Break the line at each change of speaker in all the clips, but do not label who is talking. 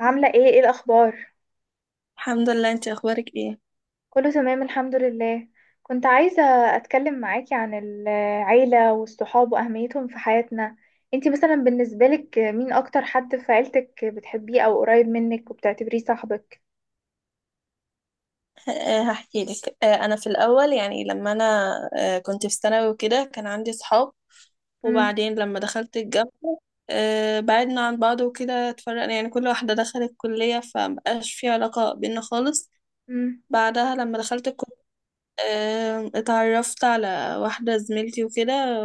عاملة ايه، ايه الأخبار؟
الحمد لله، انت اخبارك ايه؟
كله تمام الحمد لله. كنت عايزة أتكلم معاكي عن العيلة والصحاب وأهميتهم في حياتنا. انتي مثلا بالنسبة لك مين أكتر حد في عيلتك بتحبيه أو قريب منك وبتعتبريه صاحبك؟
هحكي لك. انا في الاول، يعني لما انا آه، كنت في ثانوي وكده كان عندي صحاب،
مم.
وبعدين لما دخلت الجامعه بعدنا عن بعض وكده، اتفرقنا يعني. كل واحده دخلت كليه فمبقاش في علاقه بينا خالص.
مم.
بعدها لما دخلت الكليه اتعرفت على واحده زميلتي وكده،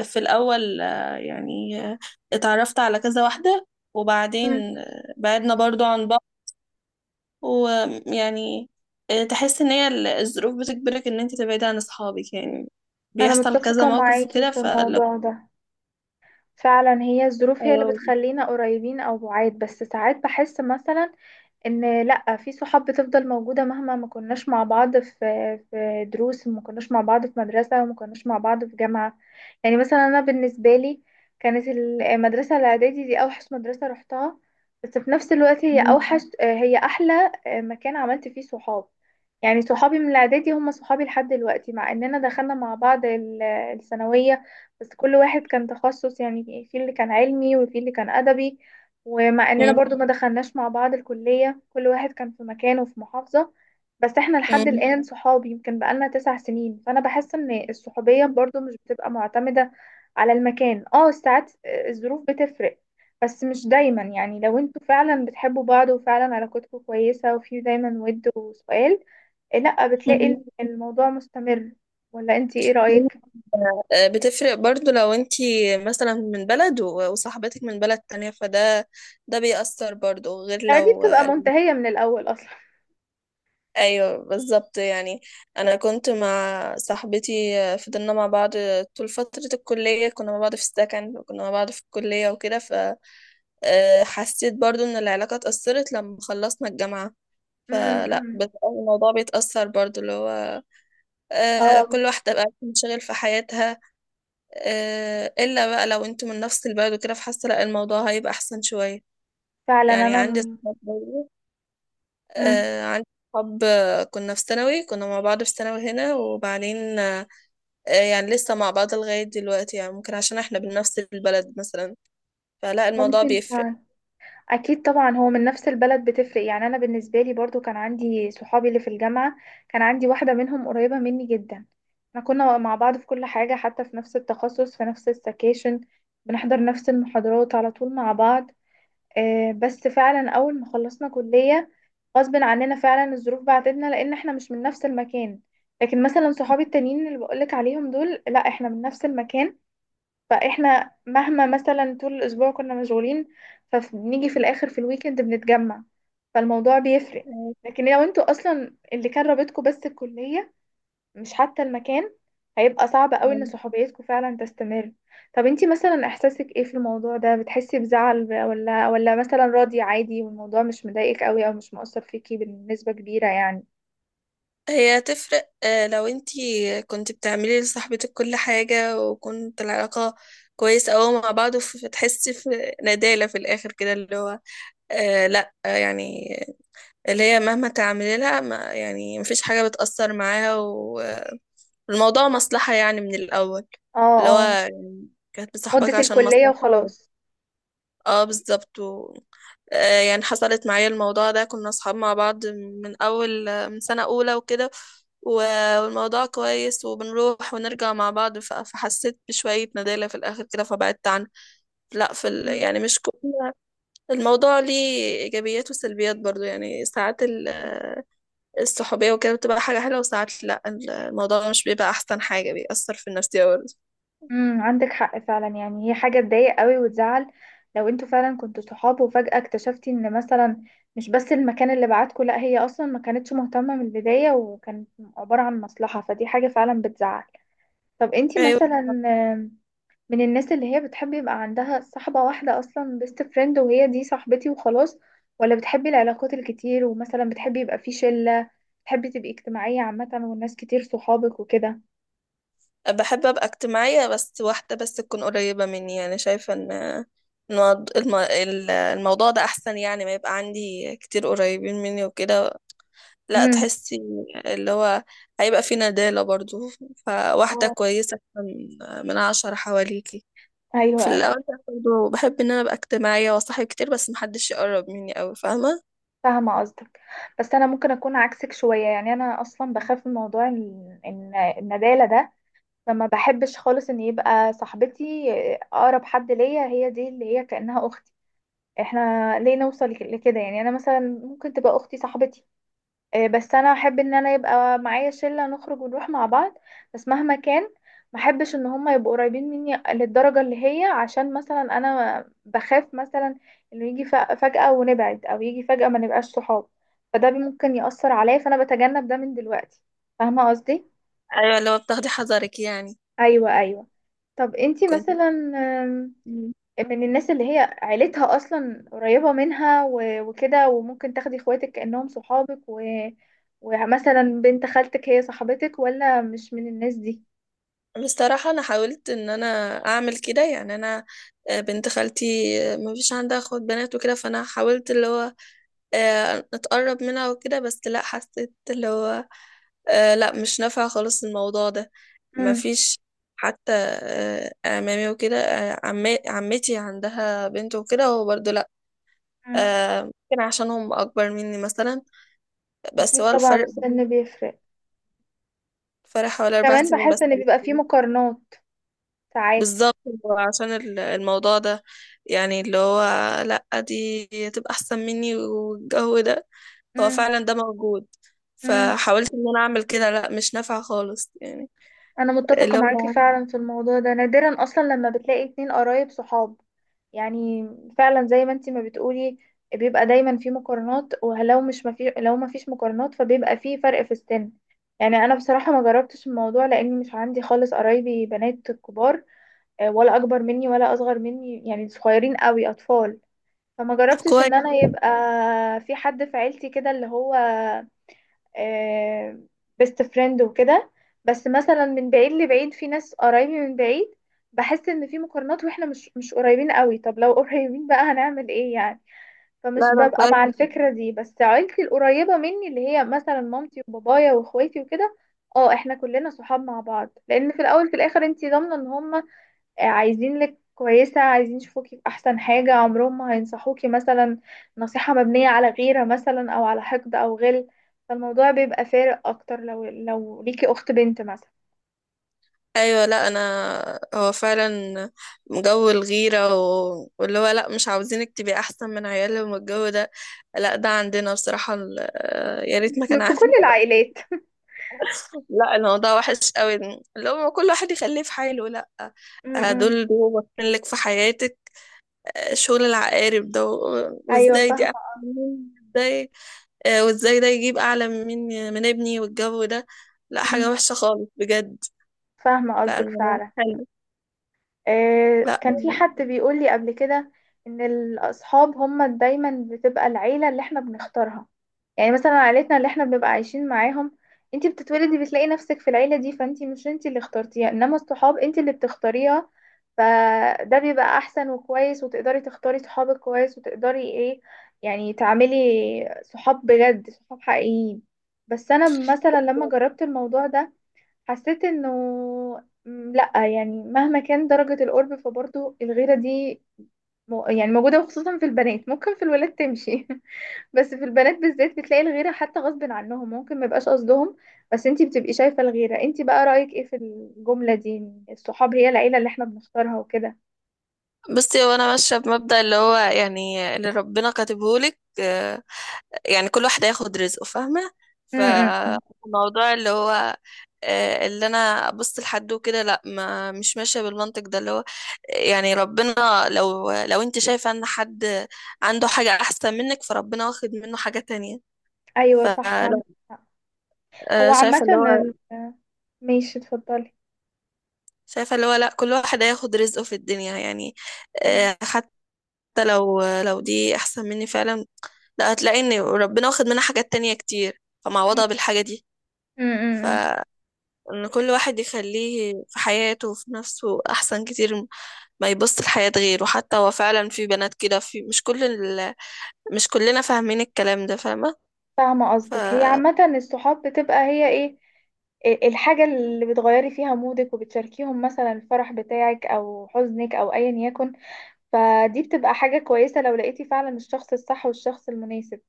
وفي الاول اتعرفت على كذا واحده،
مم.
وبعدين بعدنا برضو عن بعض. ويعني تحس ان هي الظروف بتجبرك ان انت تبعدي عن اصحابك يعني،
أنا
بيحصل كذا
متفقة
موقف
معاكي
وكده.
في
فلو
الموضوع ده. فعلا هي الظروف هي اللي
آه،
بتخلينا قريبين أو بعاد، بس ساعات بحس مثلا ان لا، في صحاب بتفضل موجودة مهما ما كناش مع بعض في دروس وما كناش مع بعض في مدرسة وما كناش مع بعض في جامعة. يعني مثلا انا بالنسبة لي، كانت المدرسة الاعدادي دي اوحش مدرسة رحتها، بس في نفس الوقت هي
م-
اوحش، هي احلى مكان عملت فيه صحاب. يعني صحابي من الاعدادي هم صحابي لحد دلوقتي، مع اننا دخلنا مع بعض الثانوية. بس كل واحد كان تخصص، يعني في اللي كان علمي وفي اللي كان ادبي. ومع اننا
م-
برضو ما دخلناش مع بعض الكلية، كل واحد كان في مكان وفي محافظة. بس احنا لحد
م-
الآن صحاب، يمكن بقالنا 9 سنين. فانا بحس ان الصحوبية برضو مش بتبقى معتمدة على المكان. اه، ساعات الظروف بتفرق، بس مش دايما. يعني لو انتوا فعلا بتحبوا بعض وفعلا علاقتكم كويسة وفي دايما ود وسؤال، إيه، لا بتلاقي الموضوع مستمر. ولا انت ايه
م-
رأيك؟
آه، بتفرق برضو لو انت مثلا من بلد وصاحبتك من بلد تانية، ده بيأثر برضو، غير
لا دي
لو…
بتبقى منتهية من الأول أصلا.
ايوه بالظبط يعني. انا كنت مع صاحبتي، فضلنا مع بعض طول فترة الكلية، كنا مع بعض في السكن وكنا مع بعض في الكلية وكده. ف آه، حسيت برضو ان العلاقة اتأثرت لما خلصنا الجامعة.
أمم.
الموضوع بيتأثر برضو، اللي هو
اه،
كل واحدة بقى بتنشغل في حياتها. إلا بقى لو انتوا من نفس البلد وكده، فحاسة لا الموضوع هيبقى أحسن شوية.
فعلا
يعني عندي
انا.
صحاب برضو،
امم
عندي صحاب كنا في ثانوي، كنا مع بعض في ثانوي هنا، وبعدين يعني لسه مع بعض لغاية دلوقتي، يعني ممكن عشان احنا بنفس البلد مثلا، فلا الموضوع
ممكن
بيفرق.
فعلا. اكيد طبعا هو من نفس البلد بتفرق، يعني انا بالنسبه لي برضو كان عندي صحابي اللي في الجامعه. كان عندي واحده منهم قريبه مني جدا. احنا كنا مع بعض في كل حاجه، حتى في نفس التخصص، في نفس السكاشن، بنحضر نفس المحاضرات على طول مع بعض. بس فعلا اول ما خلصنا كليه، غصب عننا، فعلا الظروف بعتتنا لان احنا مش من نفس المكان. لكن مثلا صحابي التانيين اللي بقولك عليهم دول، لا احنا من نفس المكان، فاحنا مهما مثلا طول الاسبوع كنا مشغولين فبنيجي في الاخر في الويكند بنتجمع، فالموضوع بيفرق.
أيوة.
لكن لو انتوا اصلا اللي كان رابطكم بس الكلية، مش حتى المكان، هيبقى صعب قوي ان
تمام.
صحوبيتكم فعلا تستمر. طب انتي مثلا احساسك ايه في الموضوع ده؟ بتحسي بزعل، ولا مثلا راضية عادي والموضوع مش مضايقك قوي او مش مؤثر فيكي بنسبة كبيرة يعني؟
هي تفرق لو انتي كنت بتعملي لصاحبتك كل حاجة، وكنت العلاقة كويسة أوي مع بعض، وتحسي في ندالة في الآخر كده، اللي هو آه لأ آه، يعني اللي هي مهما تعملي لها، ما يعني مفيش حاجة بتأثر معاها، الموضوع مصلحة يعني من الأول،
اه،
اللي هو
اه،
يعني كانت بتصاحبك
مدة
عشان
الكلية
مصلحة. و...
وخلاص.
اه بالظبط. و... يعني حصلت معايا الموضوع ده، كنا أصحاب مع بعض من أول، من سنة أولى وكده، والموضوع كويس وبنروح ونرجع مع بعض، فحسيت بشوية ندالة في الآخر كده فبعدت عنه. لا في ال…
مم.
يعني مش كل الموضوع ليه إيجابيات وسلبيات برضو يعني. ساعات الصحوبية وكده بتبقى حاجة حلوة، وساعات لأ، الموضوع مش بيبقى أحسن حاجة، بيأثر في النفسية برضه.
عندك حق فعلا، يعني هي حاجة تضايق قوي وتزعل لو انتوا فعلا كنتوا صحاب وفجأة اكتشفتي ان مثلا مش بس المكان اللي بعتكوا، لا هي اصلا ما كانتش مهتمة من البداية وكانت عبارة عن مصلحة، فدي حاجة فعلا بتزعل. طب انتي
أيوة.
مثلا، آم، من الناس اللي هي بتحب يبقى عندها صاحبة واحدة اصلا، بيست فريند، وهي دي صاحبتي وخلاص، ولا بتحبي العلاقات الكتير ومثلا بتحبي يبقى في شلة، بتحبي تبقي اجتماعية عامة والناس كتير صحابك وكده؟
بحب أبقى اجتماعية، بس واحدة بس تكون قريبة مني، يعني شايفة إن إن الموض- الم- ال- الموضوع ده أحسن، يعني ما يبقى عندي كتير قريبين مني وكده، لا،
امم.
تحسي اللي هو هيبقى في ندالة برضو. فواحدة
اه.
كويسة من عشرة حواليكي.
ايوه،
وفي
ايوه.
الأول برضو بحب إن أنا أبقى اجتماعية وأصاحب كتير، بس محدش يقرب مني أوي. فاهمة؟
فاهمة قصدك. بس أنا ممكن أكون عكسك شوية. يعني أنا أصلا بخاف من موضوع إن الندالة ده، فما بحبش خالص إن يبقى صاحبتي أقرب حد ليا، هي دي اللي هي كأنها أختي. احنا ليه نوصل لكده؟ يعني أنا مثلا ممكن تبقى أختي صاحبتي. بس انا احب ان انا يبقى معايا شله نخرج ونروح مع بعض. بس مهما كان، ما احبش ان هم يبقوا قريبين مني للدرجه اللي هي، عشان مثلا انا بخاف مثلا انه يجي فجاه ونبعد او يجي فجاه ما نبقاش صحاب، فده ممكن ياثر عليا، فانا بتجنب ده من دلوقتي. فاهمه قصدي؟
أيوة، اللي هو بتاخدي حذرك يعني.
ايوه، ايوه. طب انتي
كنت
مثلا
مم.
من الناس اللي هي عيلتها اصلا قريبة منها وكده، وممكن تاخدي اخواتك كأنهم صحابك ومثلا بنت خالتك هي صاحبتك، ولا مش من الناس دي؟
بصراحة أنا حاولت إن أنا أعمل كده. يعني أنا بنت خالتي ما فيش عندها أخوات بنات وكده، فأنا حاولت اللي هو أتقرب منها وكده، بس لا حسيت اللي هو لا مش نافع خالص الموضوع ده.
مم.
مفيش حتى أمامي وكده. عمتي عندها بنت وكده، هو برضه لا،
مم.
ممكن عشان هم أكبر مني مثلا. بس
اكيد
هو
طبعا
الفرق،
السن بيفرق.
فرق حوالي أربع
وكمان
سنين بس.
بحس ان بيبقى فيه مقارنات ساعات.
بالظبط. هو عشان الموضوع ده، يعني اللي هو لا دي تبقى أحسن مني، والجو ده هو
مم.
فعلا ده موجود.
مم.
فحاولت إن أنا أعمل كده، لا مش نافع خالص يعني.
انا متفقة
اللي
معاكي
هو
فعلا في الموضوع ده. نادرا اصلا لما بتلاقي 2 قرايب صحاب. يعني فعلا زي ما انتي ما بتقولي، بيبقى دايما في مقارنات، ولو مش مفي... لو ما فيش مقارنات فبيبقى في فرق في السن. يعني انا بصراحة ما جربتش الموضوع، لاني مش عندي خالص قرايبي بنات كبار، ولا اكبر مني ولا اصغر مني، يعني صغيرين قوي اطفال. فما
طب
جربتش
كويس.
ان انا يبقى في حد في عيلتي كده اللي هو بيست فريند وكده. بس مثلا من بعيد لبعيد في ناس قرايبي من بعيد، بحس ان في مقارنات واحنا مش قريبين قوي. طب لو قريبين بقى هنعمل ايه يعني؟ فمش
لا طب
ببقى
كويس.
مع الفكرة دي. بس عيلتي القريبة مني اللي هي مثلا مامتي وبابايا واخواتي وكده، اه احنا كلنا صحاب مع بعض، لان في الاول في الاخر انتي ضامنة ان هم عايزينك كويسة، عايزين يشوفوكي بأحسن حاجة. عمرهم ما هينصحوكي مثلا نصيحة مبنية على غيرة مثلا أو على حقد أو غل. فالموضوع بيبقى فارق أكتر لو ليكي أخت بنت مثلا.
ايوه. لا انا، هو فعلا جو الغيره، و... واللي هو لا مش عاوزينك تبقي احسن من عيالهم، والجو ده، لا ده عندنا بصراحه ال… يا ريت ما كان
في كل
عندنا.
العائلات.
لا الموضوع وحش قوي، اللي هو كل واحد يخليه في حاله، لا،
م-
دول
م.
بيبقوا لك في حياتك. شغل العقارب ده، و...
أيوة،
وازاي دي احسن
فاهمة.
مني؟ ازاي وازاي ده يجيب اعلى من ابني، والجو ده، لا حاجه
م.
وحشه خالص بجد.
فاهمة
لا
قصدك
الموضوع مش
فعلا.
حلو. لا
كان في حد بيقول لي قبل كده ان الاصحاب هما دايما بتبقى العيله اللي احنا بنختارها. يعني مثلا عيلتنا اللي احنا بنبقى عايشين معاهم، انتي بتتولدي بتلاقي نفسك في العيله دي، فانتي مش انتي اللي اخترتيها، انما الصحاب انتي اللي بتختاريها. فده بيبقى احسن وكويس، وتقدري تختاري صحابك كويس وتقدري ايه، يعني تعملي صحاب بجد، صحاب حقيقيين. بس انا مثلا لما جربت الموضوع ده، حسيت انه، لا يعني مهما كان درجة القرب، فبرضه الغيرة دي يعني موجودة. وخصوصا في البنات، ممكن في الولاد تمشي. بس في البنات بالذات بتلاقي الغيرة، حتى غصب عنهم ممكن ما يبقاش قصدهم. بس انتي بتبقي شايفة الغيرة. انتي بقى رأيك ايه في الجملة دي إن الصحاب هي العيلة اللي احنا بنختارها وكده؟
بصي، هو انا ماشيه بمبدأ اللي هو يعني اللي ربنا كاتبهولك. يعني كل واحد هياخد رزقه، فاهمه؟
م- م.
فالموضوع اللي هو اللي انا ابص لحد وكده، لا، ما مش ماشيه بالمنطق ده. اللي هو يعني ربنا لو انت شايفه ان حد عنده حاجه احسن منك، فربنا واخد منه حاجه تانية.
ايوه، صح،
فلا
عندك حق. هو
آه،
عامة
شايفه اللي هو
ماشي، اتفضلي.
شايفه اللي هو لا، كل واحد هياخد رزقه في الدنيا يعني.
م-
حتى لو دي احسن مني فعلا، لا هتلاقي ان ربنا واخد منها حاجات تانية كتير
م-
فمعوضها بالحاجة دي.
م. م.
فان كل واحد يخليه في حياته وفي نفسه احسن كتير، ما يبص لحياة غيره. حتى هو فعلا في بنات كده، في مش كل ال… مش كلنا فاهمين الكلام ده، فاهمة؟
فاهمة قصدك. هي
فا
عامة الصحاب بتبقى هي ايه؟ إيه الحاجة اللي بتغيري فيها مودك وبتشاركيهم مثلا الفرح بتاعك او حزنك او ايا يكن. فدي بتبقى حاجة كويسة لو لقيتي فعلا الشخص الصح والشخص المناسب.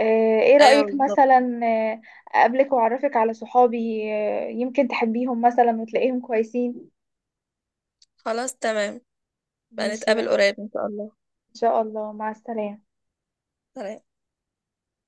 ايه
ايوه
رأيك
بالظبط.
مثلا، آه، اقابلك واعرفك على صحابي؟ يمكن تحبيهم مثلا وتلاقيهم كويسين.
خلاص تمام. بقى
ماشي،
نتقابل قريب ان شاء الله.
ان شاء الله. مع السلامة.
سلام.